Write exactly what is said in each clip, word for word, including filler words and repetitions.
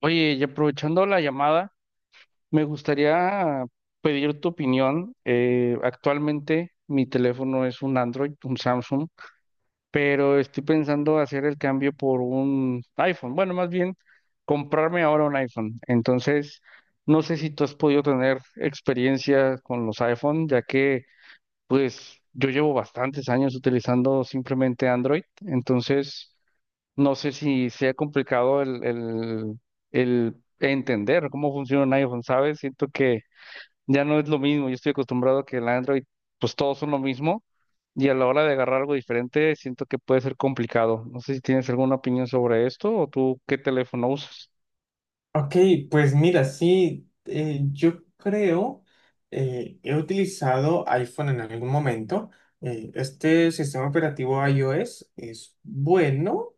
Oye, y aprovechando la llamada, me gustaría pedir tu opinión. Eh, actualmente mi teléfono es un Android, un Samsung, pero estoy pensando hacer el cambio por un iPhone. Bueno, más bien comprarme ahora un iPhone. Entonces, no sé si tú has podido tener experiencia con los iPhone, ya que pues yo llevo bastantes años utilizando simplemente Android. Entonces... No sé si sea complicado el, el, el entender cómo funciona un iPhone, ¿sabes? Siento que ya no es lo mismo. Yo estoy acostumbrado a que el Android, pues todos son lo mismo. Y a la hora de agarrar algo diferente, siento que puede ser complicado. No sé si tienes alguna opinión sobre esto o tú qué teléfono usas. Ok, pues mira, sí, eh, yo creo, eh, he utilizado iPhone en algún momento. Eh, este sistema operativo iOS es bueno,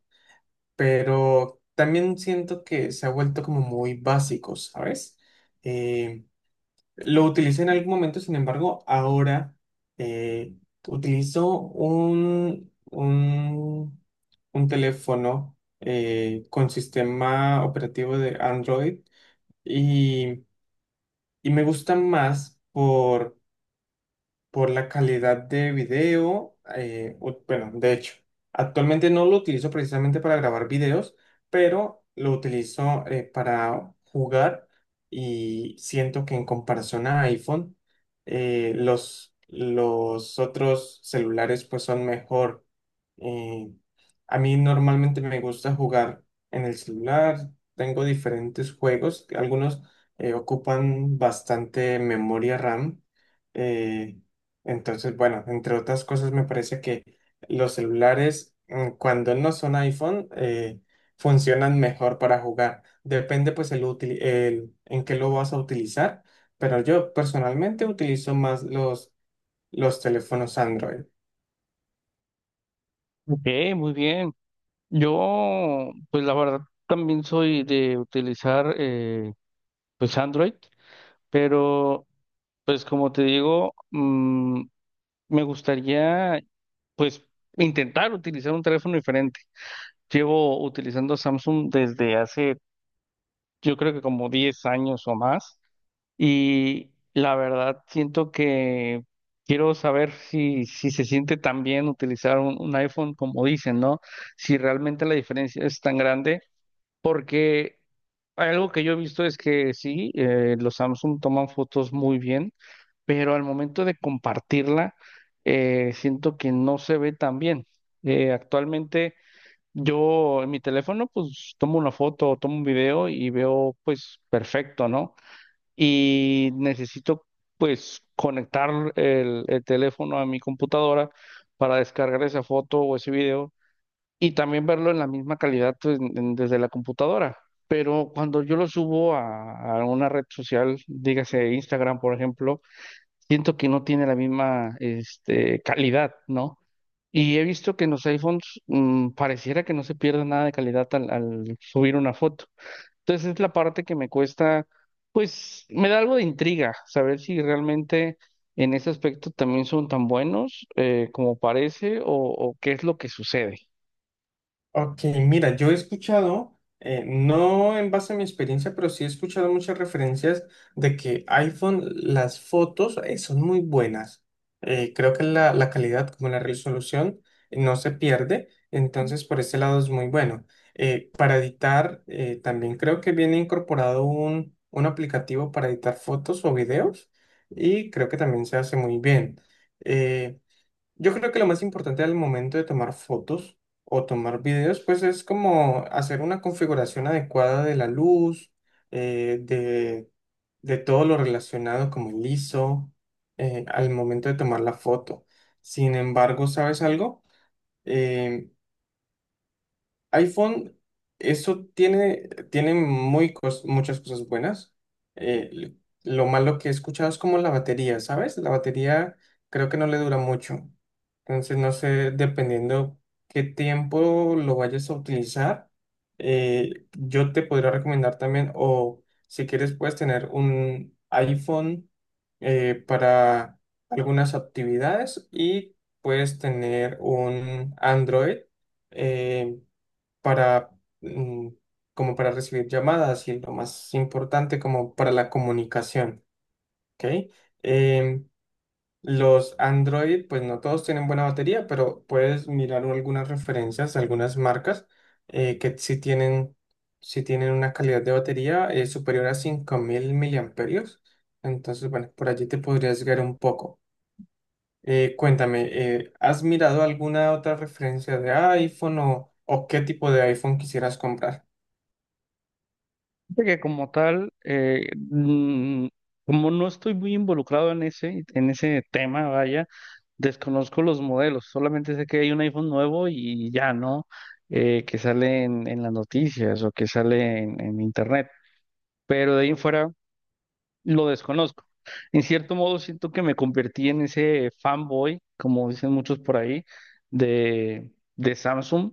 pero también siento que se ha vuelto como muy básico, ¿sabes? Eh, lo utilicé en algún momento, sin embargo, ahora eh, utilizo un, un, un teléfono eh, con sistema operativo de Android y, y me gusta más por por la calidad de video. Eh, ut- bueno, de hecho, actualmente no lo utilizo precisamente para grabar videos, pero lo utilizo eh, para jugar y siento que en comparación a iPhone, eh, los, los otros celulares pues son mejor. Eh, a mí normalmente me gusta jugar en el celular, tengo diferentes juegos, algunos eh, ocupan bastante memoria RAM. eh, entonces, bueno, entre otras cosas, me parece que los celulares, mm, cuando no son iPhone, eh, funcionan mejor para jugar. Depende, pues, el, util- el- en qué lo vas a utilizar, pero yo personalmente utilizo más los, los teléfonos Android. Ok, muy bien. Yo, pues la verdad, también soy de utilizar eh, pues Android, pero pues como te digo, me gustaría, pues, intentar utilizar un teléfono diferente. Llevo utilizando Samsung desde hace, yo creo que como diez años o más, y la verdad siento que quiero saber si, si se siente tan bien utilizar un, un iPhone como dicen, ¿no? Si realmente la diferencia es tan grande porque algo que yo he visto es que sí, eh, los Samsung toman fotos muy bien, pero al momento de compartirla, eh, siento que no se ve tan bien. Eh, actualmente yo en mi teléfono pues tomo una foto o tomo un video y veo pues perfecto, ¿no? Y necesito pues conectar el, el teléfono a mi computadora para descargar esa foto o ese video y también verlo en la misma calidad pues, en- en- desde la computadora. Pero cuando yo lo subo a, a una red social, dígase Instagram, por ejemplo, siento que no tiene la misma este, calidad, ¿no? Y he visto que en los iPhones mm, pareciera que no se pierde nada de calidad al, al subir una foto. Entonces es la parte que me cuesta, pues me da algo de intriga saber si realmente en ese aspecto también son tan buenos eh, como parece o o qué es lo que sucede. Ok, mira, yo he escuchado, eh, no en base a mi experiencia, pero sí he escuchado muchas referencias de que iPhone, las fotos eh, son muy buenas. Eh, creo que la, la calidad como la resolución eh, no se pierde, entonces por ese lado es muy bueno. Eh, para editar, eh, también creo que viene incorporado un, un aplicativo para editar fotos o videos y creo que también se hace muy bien. Eh, yo creo que lo más importante al momento de tomar fotos o tomar videos, pues es como hacer una configuración adecuada de la luz, eh, de, de todo lo relacionado como el ISO, eh, al momento de tomar la foto. Sin embargo, ¿sabes algo? Eh, iPhone, eso tiene, tiene muy cos- muchas cosas buenas. Eh, lo malo que he escuchado es como la batería, ¿sabes? La batería creo que no le dura mucho. Entonces, no sé, dependiendo qué tiempo lo vayas a utilizar, eh, yo te podría recomendar también, o si quieres, puedes tener un iPhone eh, para algunas actividades y puedes tener un Android. eh, para, mm, como para recibir llamadas y lo más importante como para la comunicación, ¿ok? Em, los Android, pues no todos tienen buena batería, pero puedes mirar algunas referencias, algunas marcas eh, que sí tienen, sí tienen una calidad de batería eh, superior a cinco mil miliamperios. Entonces, bueno, por allí te podrías guiar un poco. Eh, cuéntame, eh, ¿has mirado alguna otra referencia de iPhone o, o qué tipo de iPhone quisieras comprar? Fíjate que como tal, eh, mm, como no estoy muy involucrado en ese, en ese tema, vaya, desconozco los modelos, solamente sé que hay un iPhone nuevo y ya, ¿no? Eh, que sale en, en las noticias o que sale en, en internet, pero de ahí en fuera lo desconozco. En cierto modo siento que me convertí en ese fanboy, como dicen muchos por ahí, de, de Samsung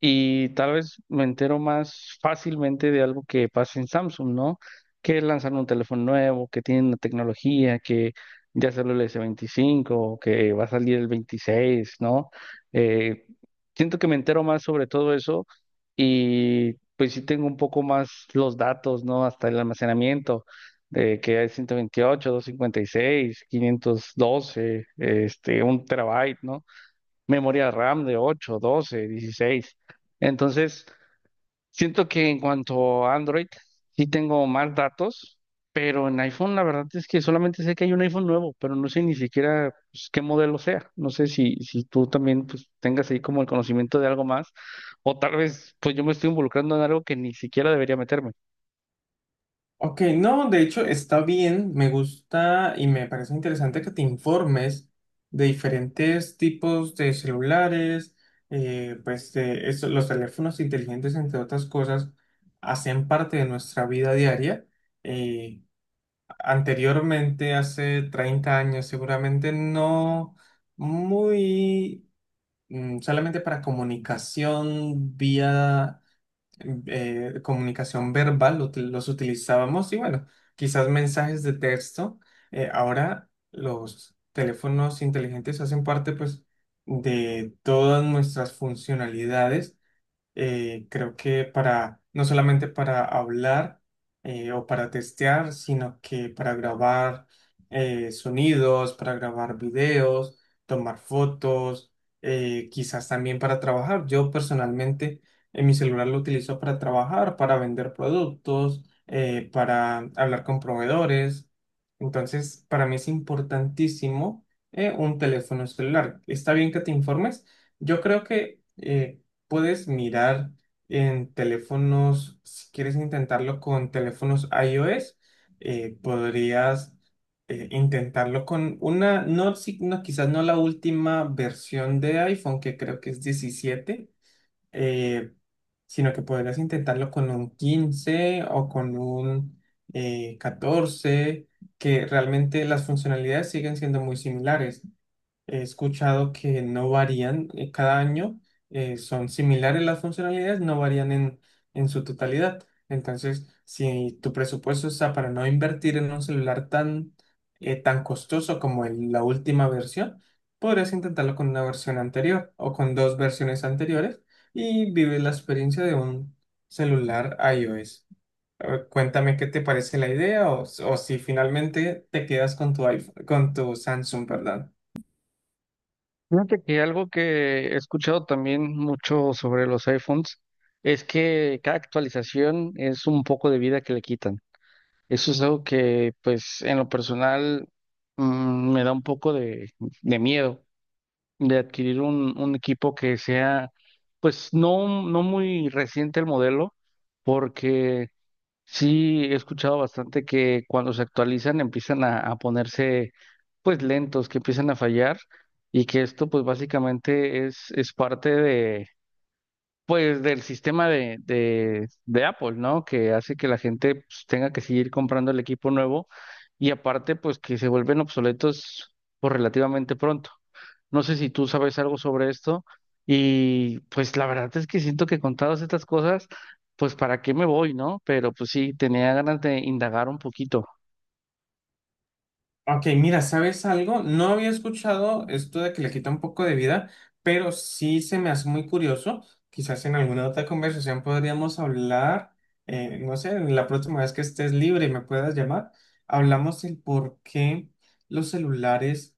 y tal vez me entero más fácilmente de algo que pasa en Samsung, ¿no? Que lanzan un teléfono nuevo, que tienen la tecnología, que ya salió el S veinticinco, que va a salir el veintiséis, ¿no? Eh, Siento que me entero más sobre todo eso y pues sí tengo un poco más los datos, ¿no? Hasta el almacenamiento, de que hay ciento veintiocho, doscientos cincuenta y seis, quinientos doce, este, un terabyte, ¿no? Memoria RAM de ocho, doce, dieciséis. Entonces, siento que en cuanto a Android, sí tengo más datos, pero en iPhone la verdad es que solamente sé que hay un iPhone nuevo, pero no sé ni siquiera pues, qué modelo sea. No sé si, si tú también pues, tengas ahí como el conocimiento de algo más, o tal vez pues yo me estoy involucrando en algo que ni siquiera debería meterme. Ok, no, de hecho está bien, me gusta y me parece interesante que te informes de diferentes tipos de celulares, eh, pues de eso- los teléfonos inteligentes, entre otras cosas, hacen parte de nuestra vida diaria. Eh, Anteriormente, hace treinta años, seguramente no muy mm, solamente para comunicación vía eh, comunicación verbal, lo util- los utilizábamos y bueno, quizás mensajes de texto. Eh, ahora los teléfonos inteligentes hacen parte pues de todas nuestras funcionalidades eh, creo que para, no solamente para hablar eh, o para testear, sino que para grabar eh, sonidos, para grabar videos, tomar fotos, eh, quizás también para trabajar. Yo personalmente en mi celular lo utilizo para trabajar, para vender productos, eh, para hablar con proveedores. Entonces, para mí es importantísimo eh, un teléfono celular. Está bien que te informes. Yo creo que... eh, puedes mirar en teléfonos, si quieres intentarlo con teléfonos iOS, eh, podrías eh, intentarlo con una, no, si- no, quizás no la última versión de iPhone, que creo que es diecisiete, eh, sino que podrías intentarlo con un quince o con un eh, catorce, que realmente las funcionalidades siguen siendo muy similares. He escuchado que no varían eh, cada año, eh, son similares las funcionalidades, no varían en, en su totalidad. Entonces, si tu presupuesto está para no invertir en un celular tan, eh, tan costoso como el- la última versión, podrías intentarlo con una versión anterior o con dos versiones anteriores y vive la experiencia de un celular iOS. Eh, Cuéntame qué te parece la idea o, o si finalmente te quedas con tu iPhone- con tu Samsung, perdón. Fíjate que algo que he escuchado también mucho sobre los iPhones es que cada actualización es un poco de vida que le quitan. Eso es algo que, pues, en lo personal, mm, me da un poco de, de miedo de adquirir un, un equipo que sea, pues, no, no muy reciente el modelo, porque sí he escuchado bastante que cuando se actualizan empiezan a, a ponerse, pues, lentos, que empiezan a fallar, y que esto, pues, básicamente es, es parte pues del sistema de, de, de Apple, ¿no? Que hace que la gente pues, tenga que seguir comprando el equipo nuevo y aparte, pues que se vuelven obsoletos por relativamente pronto. No sé si tú sabes algo sobre esto y pues la verdad es que siento que con todas estas cosas, pues para qué me voy, ¿no? Pero pues sí, tenía ganas de indagar un poquito. Ok, mira, ¿sabes algo? No había escuchado esto de que le quita un poco de vida, pero sí se me hace muy curioso. Quizás en alguna otra conversación podríamos hablar, eh, no sé, la próxima vez que estés libre y me puedas llamar, hablamos el por qué los celulares,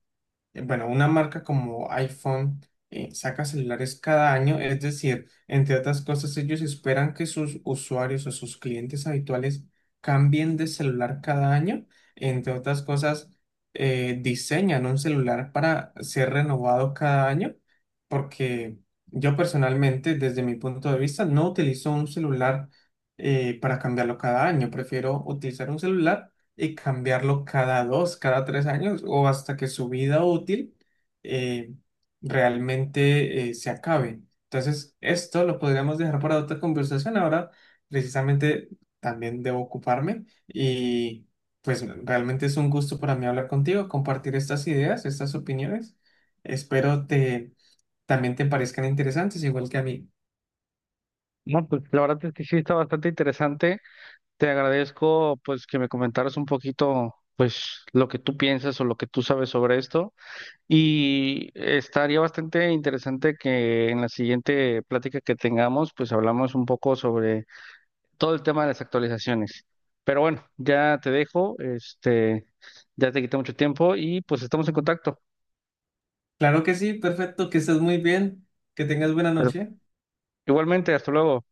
eh, bueno, una marca como iPhone eh, saca celulares cada año, es decir, entre otras cosas, ellos esperan que sus usuarios o sus clientes habituales cambien de celular cada año, entre otras cosas eh, diseñan un celular para ser renovado cada año, porque yo personalmente, desde mi punto de vista, no utilizo un celular eh, para cambiarlo cada año. Prefiero utilizar un celular y cambiarlo cada dos, cada tres años o hasta que su vida útil eh, realmente eh, se acabe. Entonces, esto lo podríamos dejar para otra conversación. Ahora, precisamente, también debo ocuparme y... Pues realmente es un gusto para mí hablar contigo, compartir estas ideas, estas opiniones. Espero te también te parezcan interesantes, igual que a mí. No, pues la verdad es que sí está bastante interesante. Te agradezco pues que me comentaras un poquito pues lo que tú piensas o lo que tú sabes sobre esto. Y estaría bastante interesante que en la siguiente plática que tengamos, pues hablamos un poco sobre todo el tema de las actualizaciones. Pero bueno, ya te dejo, este, ya te quité mucho tiempo y pues estamos en contacto. Claro que sí, perfecto, que estés muy bien, que tengas buena Pero noche. igualmente, hasta luego.